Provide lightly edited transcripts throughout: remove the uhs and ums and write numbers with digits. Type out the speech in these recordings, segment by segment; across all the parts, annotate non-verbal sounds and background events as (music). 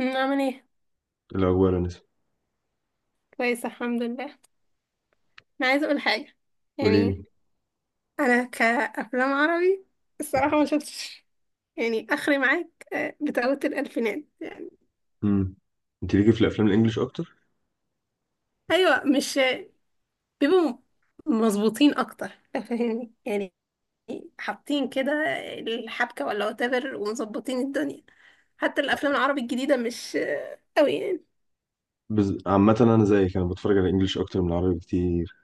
عامل ايه؟ الأخبار يا نسمة. كويسه، الحمد لله. انا عايزه اقول حاجه، قولي يعني لي. انا كافلام عربي الصراحه ما شفتش، يعني اخري معاك، بتاعه الالفينات يعني. امم انت ليكي في الافلام الانجليش اكتر. ايوه مش بيبقوا مظبوطين اكتر، فاهمني؟ يعني حاطين كده الحبكه ولا whatever ومظبطين الدنيا. حتى الافلام العربي الجديده مش قوي يعني، عامه انا زيك، انا بتفرج على الانجليش اكتر من العربي بكتير.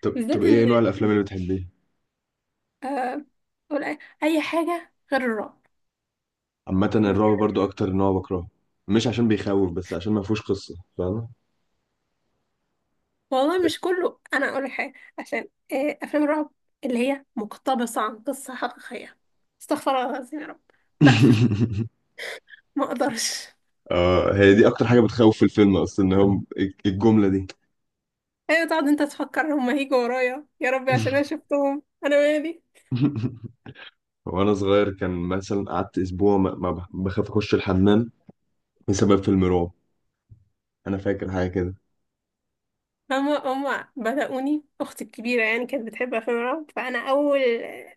طب، بالذات ايه ان نوع الافلام اللي بتحبيها؟ آه، ولا أي حاجه غير الرعب عامه يعني. الرعب برضو اكتر نوع بكرهه، مش عشان بيخوف بس عشان ما فيهوش قصه، فاهمه؟ والله مش كله، انا اقول لك حاجه عشان افلام الرعب اللي هي مقتبسه عن قصه حقيقيه، استغفر الله العظيم يا رب. بقفل، (laughs) ما اقدرش. اه، هي دي اكتر حاجه بتخوف في الفيلم، اصلا ان هو الجمله دي. ايوه، تقعد انت تفكر هما هيجوا ورايا، يا ربي عشان انا شفتهم انا مالي. (laughs) وانا صغير كان مثلا قعدت اسبوع ما, ما بخ- بخاف اخش الحمام بسبب فيلم رعب. انا فاكر حاجه كده. هما بدأوني اختي الكبيره، يعني كانت بتحب افلام الرعب، فانا اول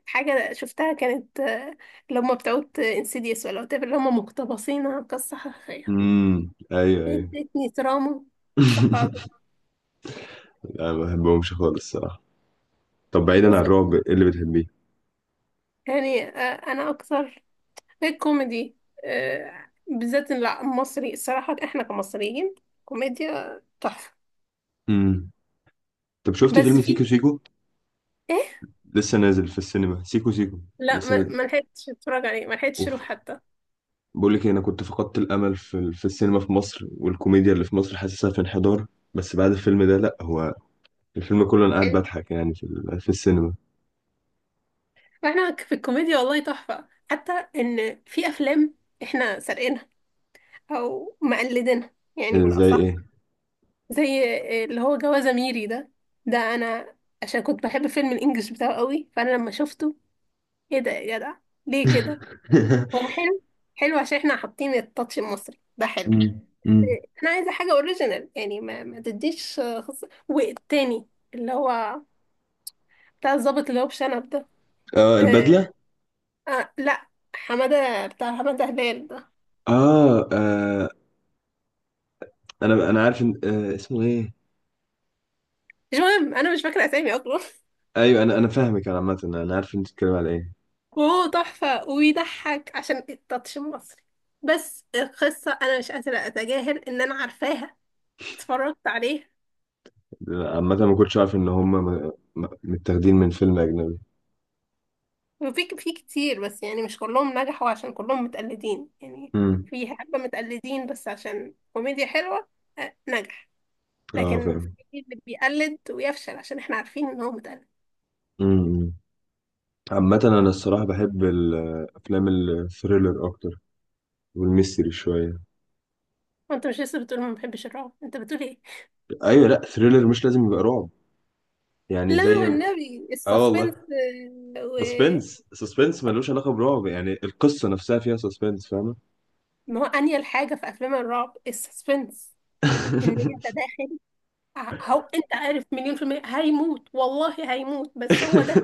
حاجه شفتها كانت اللي هما بتوع انسيديوس ولا whatever، اللي هما مقتبسين عن قصه حقيقيه. امم، ايوه ايوه. ادتني تراما. استغفر (laughs) لا، ما بحبهمش خالص الصراحة. طب بعيدا عن الله. الرعب، ايه اللي بتحبيه؟ يعني انا اكثر الكوميدي، بالذات إن لا، مصري الصراحة، احنا كمصريين كوميديا تحفة. امم. طب شفتي بس فيلم في سيكو سيكو؟ ايه؟ لسه نازل في السينما سيكو سيكو. لا، لسه ما نازل. ما لحقتش اتفرج عليه، ما لحقتش اروح اوف. حتى. بقول لك إيه، انا كنت فقدت الامل في في السينما في مصر، والكوميديا اللي في مصر حاسسها في انحدار. بس بعد الفيلم ده لا، هو الفيلم كله انا قاعد حلو. بضحك يعني في في السينما. احنا في الكوميديا والله تحفة، حتى ان في افلام احنا سارقينها او مقلدينها إيه يعني ده، زي بالاصح. ايه؟ زي اللي هو جوازة ميري ده، ده انا عشان كنت بحب فيلم الانجليش بتاعه قوي، فانا لما شفته، ايه ده يا جدع؟ ليه كده؟ هو (laughs) حلو، حلو عشان احنا حاطين التاتش المصري، ده حلو. مم. مم. انا عايزه حاجه اوريجينال، يعني ما تديش خص... والتاني اللي هو بتاع الظابط اللي هو بشنب ده. اه، آه. البدله. آه. لا، حماده بتاع حماده هلال ده. اه، آه، انا عارف إن... آه اسمه ايه. مش مهم، انا مش فاكره اسامي اصلا (laughs) ايوه، انا فاهمك، انا عامه انا عارف انت بتتكلم على ايه. وهو تحفه وبيضحك عشان التاتش المصري، بس القصه انا مش قادره اتجاهل ان انا عارفاها، اتفرجت عليها. عامة ما كنتش عارف إن هما متاخدين من فيلم أجنبي. وفي كتير، بس يعني مش كلهم نجحوا عشان كلهم متقلدين يعني. امم. في حبه متقلدين بس عشان كوميديا حلوه، نجح. اه لكن فاهم. في اللي بيقلد ويفشل عشان احنا عارفين ان هو متقلد. امم. عامة أنا الصراحة بحب الأفلام الثريلر أكتر، والميستري شوية. وانت مش لسه بتقول ما بحبش الرعب؟ انت بتقول ايه؟ أيوة، لأ ثريلر مش لازم يبقى رعب، يعني لا زي... والنبي (laughs) اه والله. السسبنس، آه، و سسبنس، سسبنس ملوش علاقة برعب، يعني القصة نفسها فيها سسبنس، فاهمة؟ ما هو انيل حاجه في افلام الرعب السسبنس، ان انت (laughs) داخل، هو انت عارف مليون في المية هيموت، والله هيموت، بس هو ده.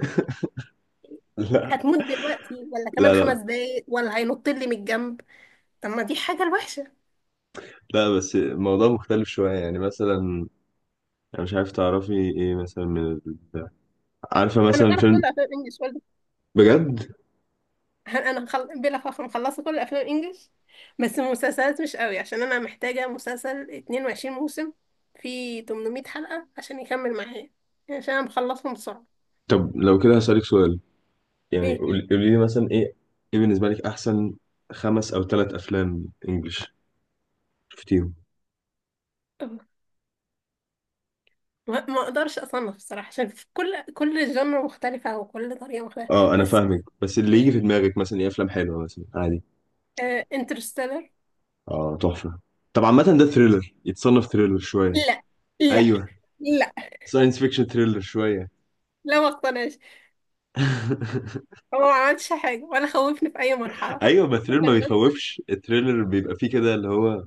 لا هتموت دلوقتي ولا كمان لا خمس لا دقايق ولا هينط لي من الجنب؟ طب ما دي حاجه الوحشه. لا بس الموضوع مختلف شوية، يعني مثلا أنا مش عارف تعرفي إيه مثلا من عارفة انا مثلا اعرف فيلم. كل افلام انجلش بجد؟ (laughs) هل انا بلا فخر مخلصه كل الافلام الانجليش. بس المسلسلات مش قوي عشان انا محتاجه مسلسل 22 موسم، فيه 800 حلقه عشان يكمل معايا، يعني عشان انا مخلصهم بسرعه. طب لو كده هسألك سؤال، يعني ايه؟ قولي لي مثلا ايه، ايه بالنسبة لك احسن خمس او ثلاث افلام انجلش شفتيهم. أه. ما اقدرش اصنف الصراحه عشان في كل جنر مختلفه وكل طريقه مختلفه. اه انا بس فاهمك، بس اللي يجي في في دماغك مثلا ايه، افلام حلوة مثلا عادي. انترستيلر. اه تحفة. طب عامة ده ثريلر، يتصنف ثريلر شوية. لا، لا، ايوه. لا، ساينس فيكشن ثريلر شوية. لا، ما اقتنعش. (laughs) هو ما عملش حاجه ولا خوفني في اي مرحله (laughs) ايوه، ما كله الثريلر ما كان بس. بيخوفش، الثريلر بيبقى فيه كده اللي هو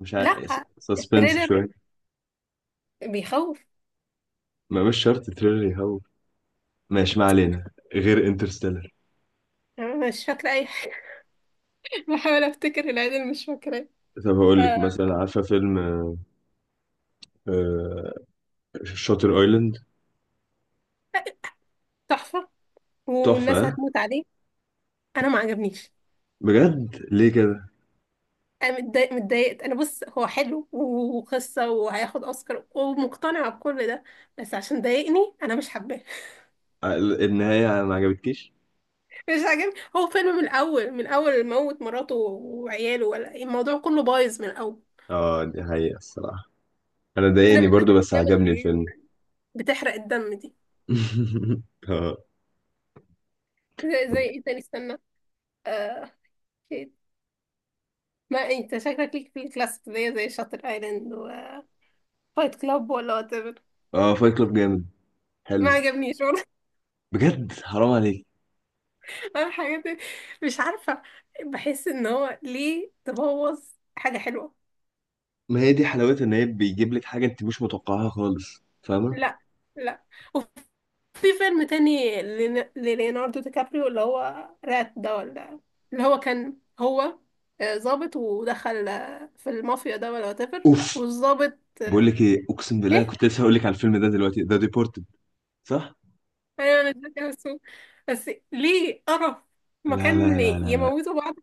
مش عارف، لا. سسبنس التريلر شوية. بيخوف. ما مش شرط الثريلر يخوف. ماشي، ما علينا غير انترستيلر. أنا مش فاكره اي، بحاول افتكر العيد اللي مش فاكراه. طب هقول لك آه، مثلا، عارفة فيلم آه، شاتر ايلاند؟ تحفة، تحفة والناس ها؟ هتموت عليه. انا ما عجبنيش. بجد، ليه كده؟ انا متضايقت، انا بص، هو حلو وقصة وهياخد اوسكار ومقتنعة بكل ده، بس عشان ضايقني انا مش حباه (laughs) آه، النهاية ما عجبتكيش؟ مش عاجبني، هو فيلم من الاول، من اول موت مراته وعياله، ولا الموضوع كله بايظ من الاول. اه دي حقيقة الصراحة، انا انا ضايقني ماليش في برضو بس الافلام اللي عجبني هي الفيلم. بتحرق الدم دي. (laughs) اه زي ايه تاني؟ استنى، آه ما انت شكلك ليك في الكلاسيك زي شاتر ايلاند وفايت كلاب ولا وات. اه. فايت كلاب جامد، ما حلو. عجبنيش والله بجد حرام عليك. (laughs) انا حاجات مش عارفه، بحس ان هو ليه تبوظ حاجه حلوه. ما هي دي حلاوتها، ان هي بيجيب لك حاجة انت مش متوقعها خالص، فاهمة؟ لا، لا. وفي فيلم تاني لليوناردو دي كابريو، اللي هو رات ده، ولا اللي هو كان هو ظابط، ودخل في المافيا ده ولا whatever، اوف. والظابط بقول لك ايه، اقسم بالله ايه؟ كنت لسه هقول لك على الفيلم ده دلوقتي، ده ديبورتد، صح؟ ايوه، انا مش فاكرة اسمه. بس ليه قرف؟ لا لا مكان لا لا لا. يموتوا بعض.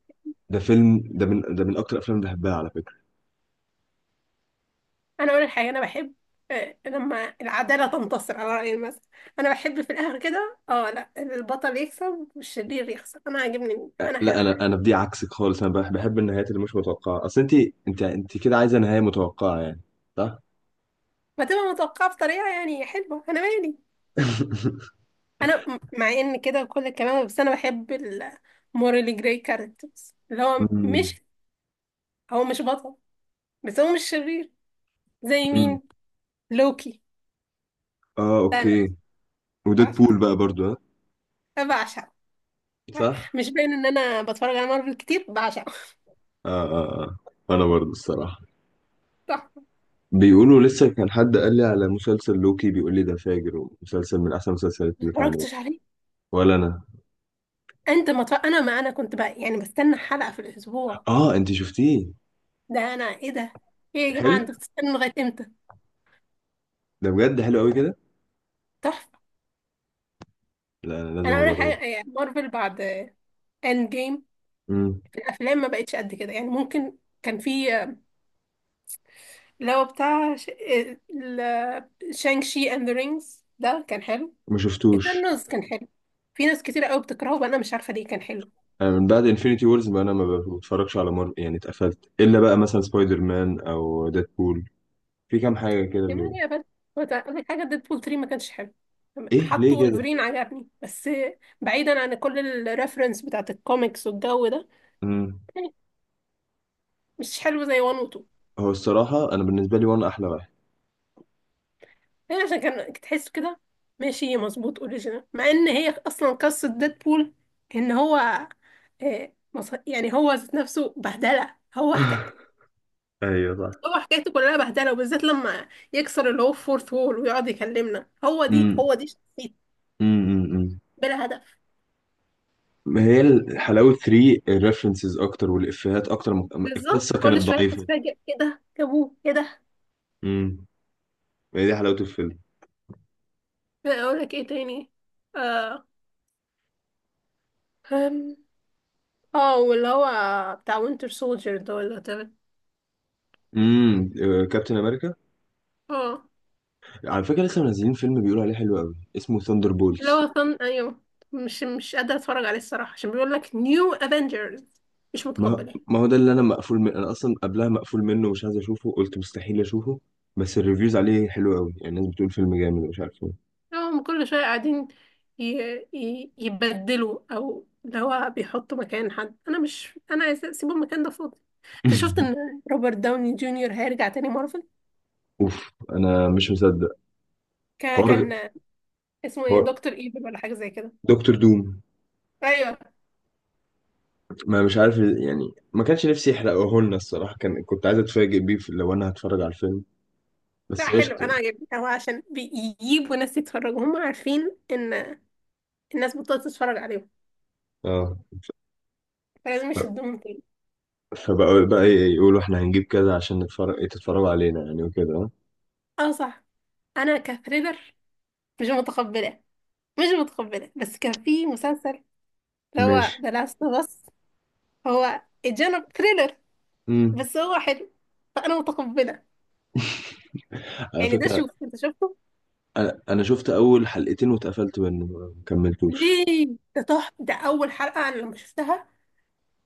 ده فيلم، ده من ده من اكتر الافلام اللي بحبها على فكرة. انا اقول الحقيقه انا بحب لما العداله تنتصر، على راي المثل. انا بحب في الاخر كده، اه، لا، البطل يكسب والشرير يخسر، انا عاجبني، انا لا احب كده. انا بدي عكسك خالص، انا بحب النهايات اللي مش متوقعه. اصل انت، انت كده عايزه نهايه متوقعه يعني، صح. فتبقى متوقعه بطريقه يعني حلوه، انا مالي. (laughs) انا مع ان كده كل الكلام، بس انا بحب المورالي جراي كاركترز، اللي امم هو مش بطل بس هو مش شرير. زي امم. مين؟ لوكي. اه ده انا اوكي. وديد بعشقه، بول بقى برضو، ها؟ بعشقه. صح. مش باين ان انا بتفرج على مارفل كتير؟ بعشقه اه اه اه، انا برضو الصراحه. (laughs) صح. بيقولوا لسه، كان حد قال لي على مسلسل لوكي بيقول لي ده فاجر، ومسلسل من احسن المسلسلات ما اللي اتعملت. اتفرجتش عليه. ولا انا. انت ما مطلع... انا ما انا كنت بقى يعني بستنى حلقة في الاسبوع. اه انت شفتيه. ده انا، ايه ده؟ ايه يا جماعة، حلو. انتوا بتستنوا لغاية امتى؟ ده بجد حلو قوي كده. تحفة. لا انا لازم انا اقول لك اجرب. حاجة، يعني مارفل بعد اند جيم، امم. في الافلام ما بقتش قد كده، يعني ممكن كان في اللي هو بتاع شانك شي اند ذا رينجز ده، كان حلو. ما شفتوش. ايترنالز كان حلو، في ناس كتير قوي بتكرهه وانا مش عارفة ليه، كان حلو. أنا من بعد انفينيتي وورز، ما انا ما بتفرجش على مارفل، يعني اتقفلت الا بقى مثلا سبايدر مان او ديدبول، في كام حاجه كده يا اللي... مان يا بنت، هو أقول لك حاجة، ديدبول 3 ما كانش حلو. ايه ليه حطوا كده؟ ولفرين عجبني، بس بعيدا عن كل الريفرنس بتاعت الكوميكس والجو ده امم. يعني، مش حلو زي 1 و 2. هو الصراحه انا بالنسبه لي وان احلى واحد. هي عشان كان تحس كده ماشي مظبوط اوريجينال، مع ان هي اصلا قصة ديدبول، ان هو يعني هو ذات نفسه بهدلة، هو (laughs) ايوه صح. هو حكايته كلها بهدلة، وبالذات لما يكسر اللي هو فورث وول ويقعد يكلمنا، امم هو دي شخصيته، امم. بلا هدف. ما هي حلاوه 3 الريفرنسز اكتر والافيهات اكتر بالظبط، القصه كل كانت شوية ضعيفه. تتفاجئ ايه ده جابوه، ايه ده. امم. ما هي دي حلاوه الفيلم. اقول لك ايه تاني؟ اه. أم. اه، واللي هو بتاع وينتر سولجر ده، ولا تمام؟ امم. كابتن امريكا. اه، على فكره لسه منزلين فيلم بيقولوا عليه حلو قوي اسمه ثاندر اللي بولز. هو فن، ايوه. مش قادرة اتفرج عليه الصراحة عشان بيقول لك نيو افنجرز، مش ما متقبلاه. ما هو ده اللي انا مقفول من، انا اصلا قبلها مقفول منه، مش عايز اشوفه، قلت مستحيل اشوفه. بس الريفيوز عليه حلو قوي، يعني الناس بتقول فيلم جامد ومش عارف ايه. هم كل شوية قاعدين ي... يبدلوا، او اللي هو بيحطوا مكان حد، انا مش انا عايزة اسيب المكان ده فاضي. انت شفت ان (laughs) روبرت داوني جونيور هيرجع تاني مارفل؟ اوف انا مش مصدق. حوار. كان اسمه ايه؟ حوار. دكتور ايفل ولا حاجه زي كده. دكتور دوم. ايوه. ما مش عارف يعني، ما كانش نفسي يحرقه لنا الصراحه، كان كنت عايز اتفاجئ بيه لو انا هتفرج على الفيلم. بس لا، حلو، قشطه انا يعني. عجبني، هو عشان بيجيبوا ناس يتفرجوا، هم عارفين ان الناس بطلت تتفرج عليهم، اه، فلازم ف- يشدوهم تاني. فبقى، يقولوا احنا هنجيب كذا عشان نتفرج، تتفرجوا علينا يعني، وكده آه. اه، صح. انا كثريلر مش متقبله، مش متقبله، بس كان في مسلسل اللي هو ماشي. ذا لاست اوف اس. هو الجانب ثريلر امم. بس هو حلو، فانا متقبله، على يعني ده، فكره شوف انت شفته؟ انا، شفت اول حلقتين واتقفلت منه، ما كملتوش. ليه؟ ده تحفه، ده اول حلقه انا لما شفتها،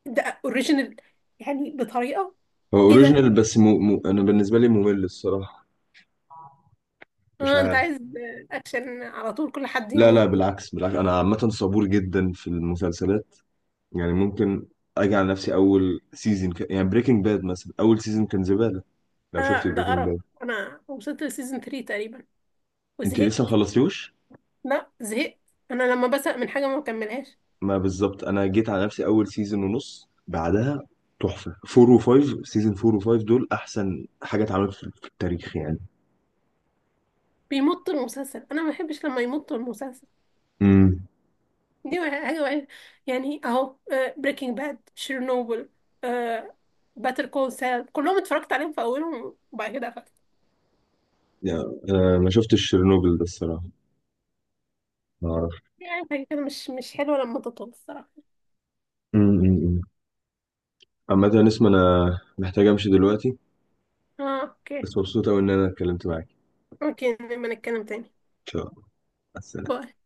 ده اوريجينال يعني بطريقه. هو ايه ده؟ اوريجينال بس انا بالنسبه لي ممل الصراحه، مش اه انت عارف. عايز اكشن على طول، كل حد لا لا، يموت. بالعكس بالعكس، انا عامه صبور جدا في المسلسلات، يعني ممكن اجي على نفسي اول سيزون يعني بريكنج باد مثلا اول سيزون كان زباله، لو شفت اه ده بريكنج قرف. باد. انا وصلت لسيزون 3 تقريبا انت لسه ما وزهقت. خلصتيهوش؟ لا زهقت، انا لما بزهق من حاجه ما بكملهاش. ما بالظبط انا جيت على نفسي اول سيزون ونص، بعدها تحفه. 4 و 5، سيزون 4 و 5 دول احسن حاجه اتعملت في في التاريخ يعني. بيمط المسلسل، انا ما بحبش لما يمط المسلسل، امم. دي حاجه وحشة. يعني اهو، بريكنج باد، شيرنوبل، باتر كول سال، كلهم اتفرجت عليهم في اولهم وبعد كده قفلت. يعني أنا ما شفتش شيرنوبل ده الصراحة، ما أعرف. يعني حاجه كده مش حلوه لما تطول الصراحه. امم. عامة يا نسمة أنا محتاج أمشي دلوقتي، اه اوكي. بس مبسوط أوي إن أنا اتكلمت معاك. إن اوكي، نبقى نتكلم تاني. شاء الله مع السلامة. باي.